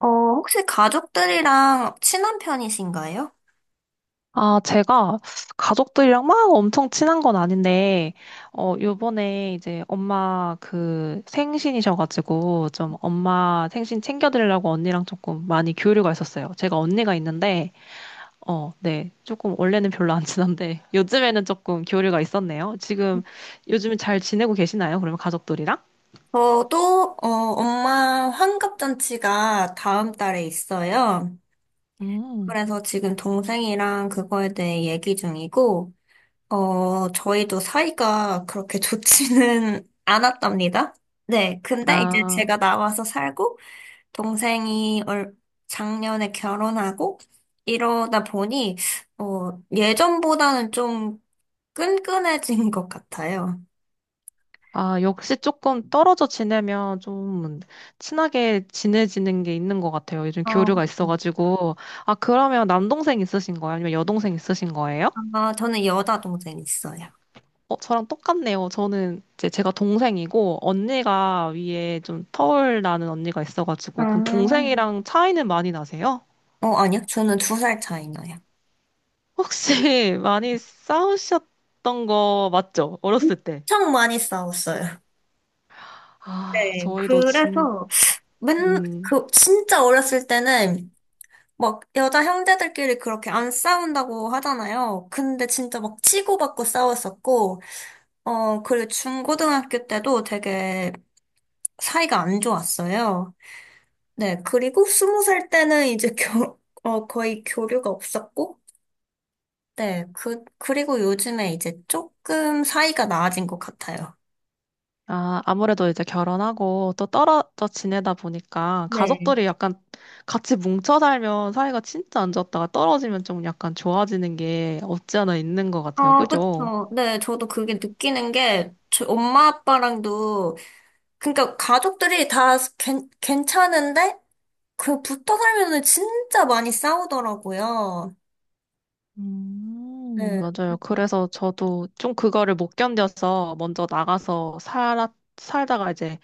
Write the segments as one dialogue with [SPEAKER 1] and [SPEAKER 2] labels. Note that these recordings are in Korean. [SPEAKER 1] 혹시 가족들이랑 친한 편이신가요?
[SPEAKER 2] 아, 제가 가족들이랑 막 엄청 친한 건 아닌데, 요번에 이제 엄마 그 생신이셔가지고, 좀 엄마 생신 챙겨드리려고 언니랑 조금 많이 교류가 있었어요. 제가 언니가 있는데, 어, 네. 조금 원래는 별로 안 친한데, 요즘에는 조금 교류가 있었네요. 지금, 요즘 잘 지내고 계시나요? 그러면 가족들이랑?
[SPEAKER 1] 저도, 엄마 환갑잔치가 다음 달에 있어요.
[SPEAKER 2] 음,
[SPEAKER 1] 그래서 지금 동생이랑 그거에 대해 얘기 중이고, 저희도 사이가 그렇게 좋지는 않았답니다. 네, 근데 이제
[SPEAKER 2] 아.
[SPEAKER 1] 제가 나와서 살고, 동생이 작년에 결혼하고, 이러다 보니, 예전보다는 좀 끈끈해진 것 같아요.
[SPEAKER 2] 아, 역시 조금 떨어져 지내면 좀 친하게 지내지는 게 있는 것 같아요. 요즘
[SPEAKER 1] 어,
[SPEAKER 2] 교류가 있어가지고. 아, 그러면 남동생 있으신 거예요? 아니면 여동생 있으신 거예요?
[SPEAKER 1] 저는 여자 동생 있어요.
[SPEAKER 2] 저랑 똑같네요. 저는 이제 제가 동생이고, 언니가 위에 좀 터울 나는 언니가 있어가지고, 그럼
[SPEAKER 1] 아,
[SPEAKER 2] 동생이랑 차이는 많이 나세요?
[SPEAKER 1] 아니요. 저는 2살 차이 나요.
[SPEAKER 2] 혹시 많이 싸우셨던 거 맞죠? 어렸을 때.
[SPEAKER 1] 엄청 많이 싸웠어요.
[SPEAKER 2] 아,
[SPEAKER 1] 네, 그래서
[SPEAKER 2] 음.
[SPEAKER 1] 진짜 어렸을 때는 막 여자 형제들끼리 그렇게 안 싸운다고 하잖아요. 근데 진짜 막 치고받고 싸웠었고, 그리고 중고등학교 때도 되게 사이가 안 좋았어요. 네, 그리고 20살 때는 이제 거의 교류가 없었고, 네, 그리고 요즘에 이제 조금 사이가 나아진 것 같아요.
[SPEAKER 2] 아, 아무래도 이제 결혼하고 또 떨어져 지내다 보니까
[SPEAKER 1] 네.
[SPEAKER 2] 가족들이 약간 같이 뭉쳐 살면 사이가 진짜 안 좋았다가 떨어지면 좀 약간 좋아지는 게 없지 않아 있는 것 같아요.
[SPEAKER 1] 아,
[SPEAKER 2] 그죠?
[SPEAKER 1] 그쵸. 네, 저도 그게 느끼는 게, 저 엄마 아빠랑도, 그러니까 가족들이 다 괜찮은데, 그 붙어 살면은 진짜 많이 싸우더라고요. 네.
[SPEAKER 2] 맞아요. 그래서 저도 좀 그거를 못 견뎌서 살다가 이제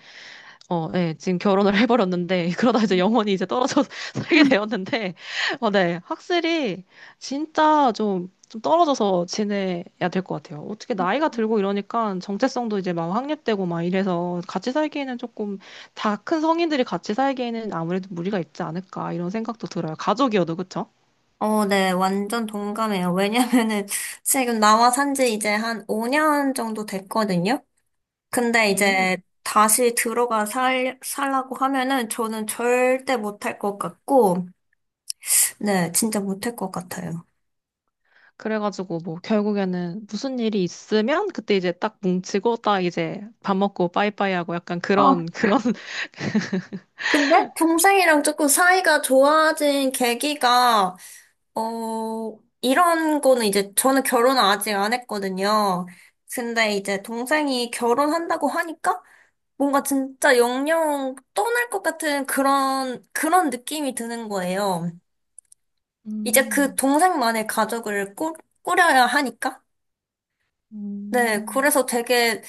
[SPEAKER 2] 어, 네, 지금 결혼을 해버렸는데, 그러다 이제 영원히 이제 떨어져 서 살게 되었는데, 어, 네, 확실히 진짜 좀 떨어져서 지내야 될 것 같아요. 어떻게 나이가 들고 이러니까 정체성도 이제 막 확립되고 막 이래서 같이 살기에는 조금 다 큰 성인들이 같이 살기에는 아무래도 무리가 있지 않을까 이런 생각도 들어요. 가족이어도, 그쵸?
[SPEAKER 1] 네, 완전 동감해요. 왜냐면은 지금 나와 산지 이제 한 5년 정도 됐거든요. 근데 이제
[SPEAKER 2] 음,
[SPEAKER 1] 다시 들어가 살라고 하면은 저는 절대 못할 것 같고, 네, 진짜 못할 것 같아요.
[SPEAKER 2] 그래가지고 뭐 결국에는 무슨 일이 있으면 그때 이제 딱 뭉치고 딱 이제 밥 먹고 빠이빠이 하고 약간
[SPEAKER 1] 어,
[SPEAKER 2] 그런,
[SPEAKER 1] 근데 동생이랑 조금 사이가 좋아진 계기가, 이런 거는 이제 저는 결혼을 아직 안 했거든요. 근데 이제 동생이 결혼한다고 하니까 뭔가 진짜 영영 떠날 것 같은 그런 느낌이 드는 거예요. 이제 그
[SPEAKER 2] 음.
[SPEAKER 1] 동생만의 가족을 꾸려야 하니까. 네,
[SPEAKER 2] 음.
[SPEAKER 1] 그래서 되게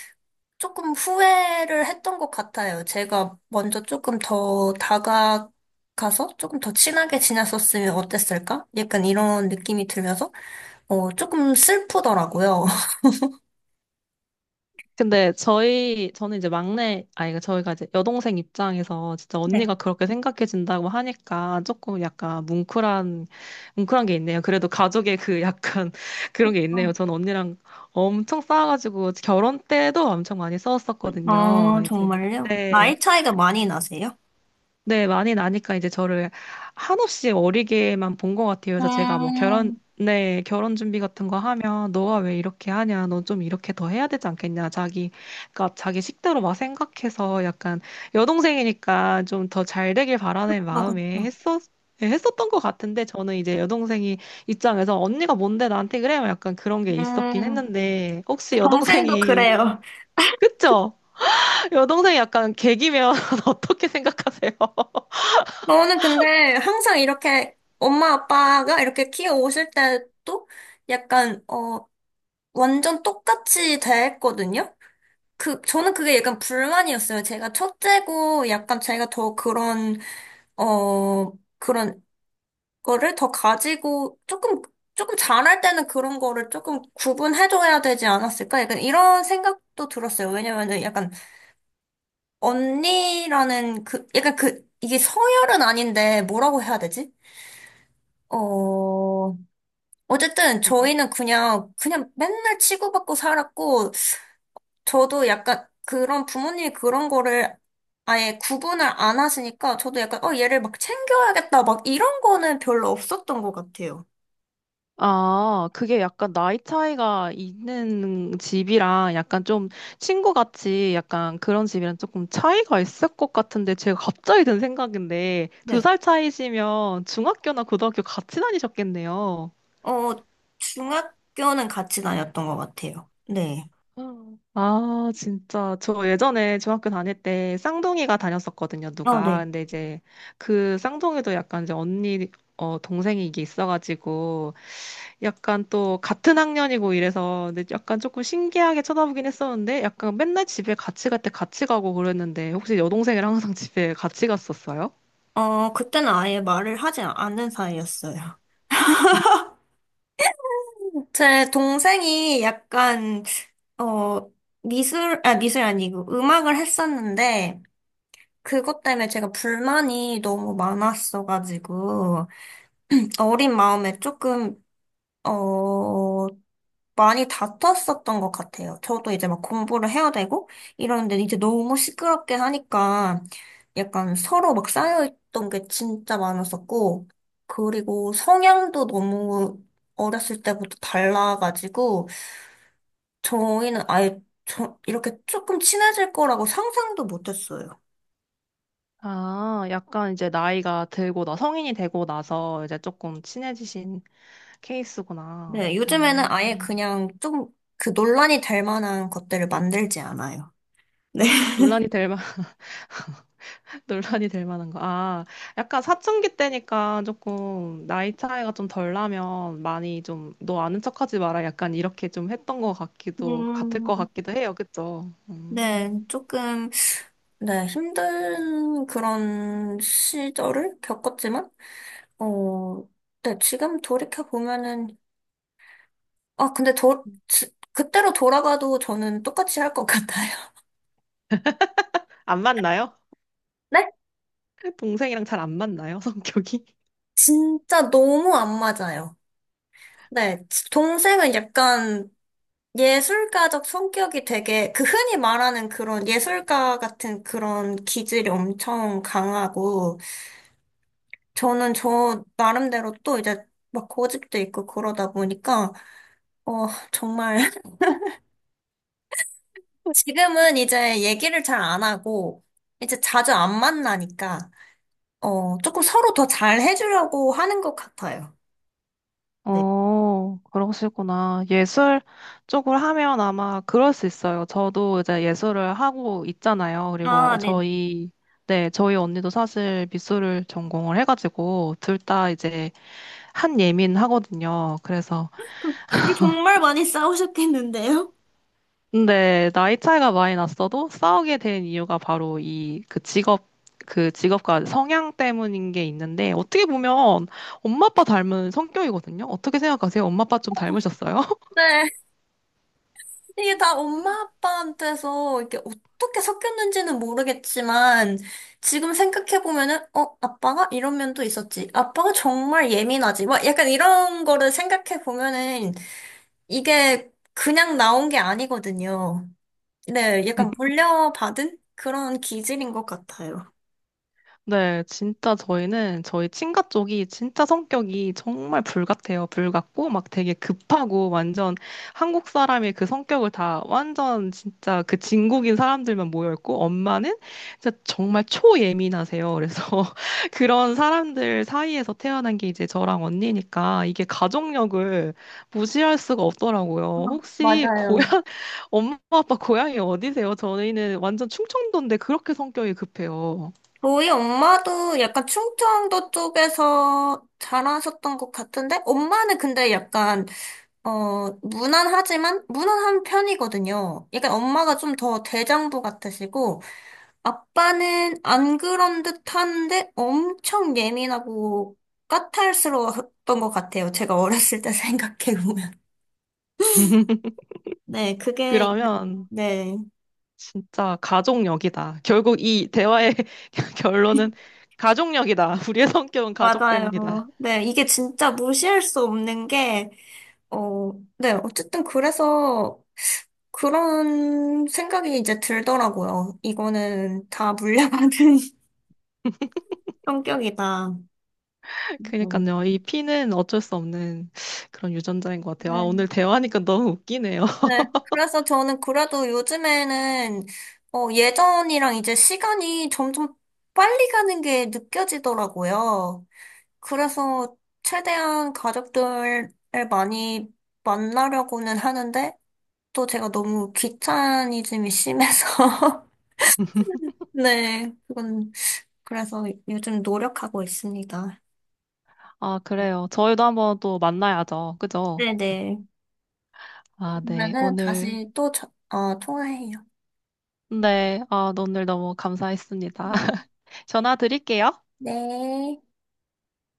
[SPEAKER 1] 조금 후회를 했던 것 같아요. 제가 먼저 조금 더 다가가서 조금 더 친하게 지냈었으면 어땠을까? 약간 이런 느낌이 들면서, 조금 슬프더라고요.
[SPEAKER 2] 근데 저희 저는 이제 막내 아이가 저희가 이제 여동생 입장에서 진짜
[SPEAKER 1] 네.
[SPEAKER 2] 언니가 그렇게 생각해준다고 하니까 조금 약간 뭉클한 게 있네요. 그래도 가족의 그 약간 그런 게 있네요.
[SPEAKER 1] 어,
[SPEAKER 2] 전 언니랑 엄청 싸워가지고 결혼 때도 엄청 많이 싸웠었거든요. 이제
[SPEAKER 1] 정말요?
[SPEAKER 2] 네.
[SPEAKER 1] 나이 차이가 많이 나세요?
[SPEAKER 2] 네, 많이 나니까 이제 저를 한없이 어리게만 본 것 같아요. 그래서
[SPEAKER 1] 음,
[SPEAKER 2] 네, 결혼 준비 같은 거 하면 너가 왜 이렇게 하냐? 넌 좀 이렇게 더 해야 되지 않겠냐? 그러니까 자기 식대로 막 생각해서 약간 여동생이니까 좀 더 잘 되길 바라는 마음에
[SPEAKER 1] 그쵸.
[SPEAKER 2] 예, 했었던 것 같은데 저는 이제 여동생이 입장에서 언니가 뭔데 나한테 그래? 약간 그런 게 있었긴
[SPEAKER 1] 음,
[SPEAKER 2] 했는데 혹시
[SPEAKER 1] 동생도
[SPEAKER 2] 여동생이,
[SPEAKER 1] 그래요.
[SPEAKER 2] 그쵸? 여동생이 약간 개기면 어떻게 생각하세요?
[SPEAKER 1] 저는 근데 항상 이렇게 엄마 아빠가 이렇게 키워 오실 때도 약간, 완전 똑같이 대했거든요. 저는 그게 약간 불만이었어요. 제가 첫째고 약간 제가 더 어, 그런 거를 더 가지고 조금 잘할 때는 그런 거를 조금 구분해줘야 되지 않았을까? 약간 이런 생각도 들었어요. 왜냐면은 약간 언니라는 약간 이게 서열은 아닌데 뭐라고 해야 되지? 어, 어쨌든 저희는 그냥 맨날 치고받고 살았고, 저도 약간 그런 부모님이 그런 거를 아예 구분을 안 하시니까 저도 약간 얘를 막 챙겨야겠다 막 이런 거는 별로 없었던 것 같아요.
[SPEAKER 2] 아, 그게 약간 나이 차이가 있는 집이랑 약간 좀 친구같이 약간 그런 집이랑 조금 차이가 있을 것 같은데 제가 갑자기 든 생각인데 두
[SPEAKER 1] 네.
[SPEAKER 2] 살 차이시면 중학교나 고등학교 같이 다니셨겠네요.
[SPEAKER 1] 어 중학교는 같이 다녔던 것 같아요. 네.
[SPEAKER 2] 음. 아, 진짜. 저 예전에 중학교 다닐 때 쌍둥이가 다녔었거든요, 누가.
[SPEAKER 1] 네.
[SPEAKER 2] 근데 이제 그 쌍둥이도 약간 이제 어, 동생이 이게 있어가지고 약간 또 같은 학년이고 이래서 근데 약간 조금 신기하게 쳐다보긴 했었는데 약간 맨날 집에 같이 갈 때 같이 가고 그랬는데 혹시 여동생이랑 항상 집에 같이 갔었어요?
[SPEAKER 1] 그때는 아예 말을 하지 않는 사이였어요. 제 동생이 약간 어 미술 아니고 음악을 했었는데 그것 때문에 제가 불만이 너무 많았어가지고 어린 마음에 조금, 어, 많이 다퉜었던 것 같아요. 저도 이제 막 공부를 해야 되고 이러는데 이제 너무 시끄럽게 하니까 약간 서로 막 쌓여있던 게 진짜 많았었고, 그리고 성향도 너무 어렸을 때부터 달라가지고, 저희는 아예 이렇게 조금 친해질 거라고 상상도 못했어요.
[SPEAKER 2] 아, 약간 이제 나이가 들고 나 성인이 되고 나서 이제 조금 친해지신 케이스구나.
[SPEAKER 1] 네, 요즘에는 아예 그냥 좀 그 논란이 될 만한 것들을 만들지 않아요. 네.
[SPEAKER 2] 논란이 될 만. 논란이 될 만한 거. 아, 약간 사춘기 때니까 조금 나이 차이가 좀 덜 나면 많이 좀 너 아는 척하지 마라 약간 이렇게 좀 했던 것 같기도 같을 것
[SPEAKER 1] 음,
[SPEAKER 2] 같기도 해요. 그쵸?
[SPEAKER 1] 네,
[SPEAKER 2] 음.
[SPEAKER 1] 조금, 네, 힘든 그런 시절을 겪었지만, 어, 네, 지금 돌이켜보면은, 근데 그때로 돌아가도 저는 똑같이 할 것 같아요.
[SPEAKER 2] 안 맞나요?
[SPEAKER 1] 네?
[SPEAKER 2] 동생이랑 잘 안 맞나요? 성격이?
[SPEAKER 1] 진짜 너무 안 맞아요. 네, 동생은 약간 예술가적 성격이 되게, 그 흔히 말하는 그런 예술가 같은 그런 기질이 엄청 강하고, 저는 저 나름대로 또 이제 막 고집도 있고 그러다 보니까, 어, 정말. 지금은 이제 얘기를 잘 안 하고, 이제 자주 안 만나니까, 조금 서로 더 잘 해주려고 하는 것 같아요. 네.
[SPEAKER 2] 어, 그러시구나. 예술 쪽을 하면 아마 그럴 수 있어요. 저도 이제 예술을 하고 있잖아요.
[SPEAKER 1] 아,
[SPEAKER 2] 그리고
[SPEAKER 1] 네.
[SPEAKER 2] 저희, 네, 저희 언니도 사실 미술을 전공을 해가지고 둘 다 이제 한 예민 하거든요. 그래서
[SPEAKER 1] 둘이 정말 많이 싸우셨겠는데요?
[SPEAKER 2] 근데 나이 차이가 많이 났어도 싸우게 된 이유가 바로 이 그 직업 그 직업과 성향 때문인 게 있는데 어떻게 보면 엄마 아빠 닮은 성격이거든요. 어떻게 생각하세요? 엄마 아빠 좀 닮으셨어요?
[SPEAKER 1] 네. 이게 다 엄마 아빠한테서 이게 어떻게 섞였는지는 모르겠지만 지금 생각해 보면은 아빠가 이런 면도 있었지 아빠가 정말 예민하지 막 약간 이런 거를 생각해 보면은 이게 그냥 나온 게 아니거든요. 네, 약간 물려받은 그런 기질인 것 같아요.
[SPEAKER 2] 네, 진짜 저희는 저희 친가 쪽이 진짜 성격이 정말 불 같아요. 불 같고 막 되게 급하고 완전 한국 사람의 그 성격을 다 완전 진짜 그 진국인 사람들만 모여 있고 엄마는 진짜 정말 초예민하세요. 그래서 그런 사람들 사이에서 태어난 게 이제 저랑 언니니까 이게 가족력을 무시할 수가 없더라고요. 혹시 고향
[SPEAKER 1] 맞아요.
[SPEAKER 2] 엄마 아빠 고향이 어디세요? 저희는 완전 충청도인데 그렇게 성격이 급해요.
[SPEAKER 1] 저희 엄마도 약간 충청도 쪽에서 자라셨던 것 같은데 엄마는 근데 약간 무난하지만, 무난한 편이거든요. 약간 엄마가 좀 더 대장부 같으시고, 아빠는 안 그런 듯한데 엄청 예민하고 까탈스러웠던 것 같아요. 제가 어렸을 때 생각해보면. 네, 그게,
[SPEAKER 2] 그러면
[SPEAKER 1] 네,
[SPEAKER 2] 진짜 가족력이다. 결국 이 대화의 결론은 가족력이다. 우리의 성격은 가족
[SPEAKER 1] 맞아요.
[SPEAKER 2] 때문이다.
[SPEAKER 1] 네, 이게 진짜 무시할 수 없는 게, 어, 네, 어쨌든 그래서 그런 생각이 이제 들더라고요. 이거는 다 물려받은 성격이다. 어.
[SPEAKER 2] 그러니까요. 이 피는 어쩔 수 없는 그런 유전자인 것 같아요. 아, 오늘
[SPEAKER 1] 네.
[SPEAKER 2] 대화하니까 너무 웃기네요.
[SPEAKER 1] 네. 그래서 저는 그래도 요즘에는 예전이랑 이제 시간이 점점 빨리 가는 게 느껴지더라고요. 그래서 최대한 가족들을 많이 만나려고는 하는데 또 제가 너무 귀차니즘이 심해서 네, 그건 그래서 요즘 노력하고 있습니다.
[SPEAKER 2] 아, 그래요. 저희도 한번 또 만나야죠. 그죠?
[SPEAKER 1] 네네.
[SPEAKER 2] 아, 네.
[SPEAKER 1] 그러면은
[SPEAKER 2] 오늘,
[SPEAKER 1] 다시 또 통화해요.
[SPEAKER 2] 네. 아, 오늘 너무 감사했습니다. 전화 드릴게요.
[SPEAKER 1] 네.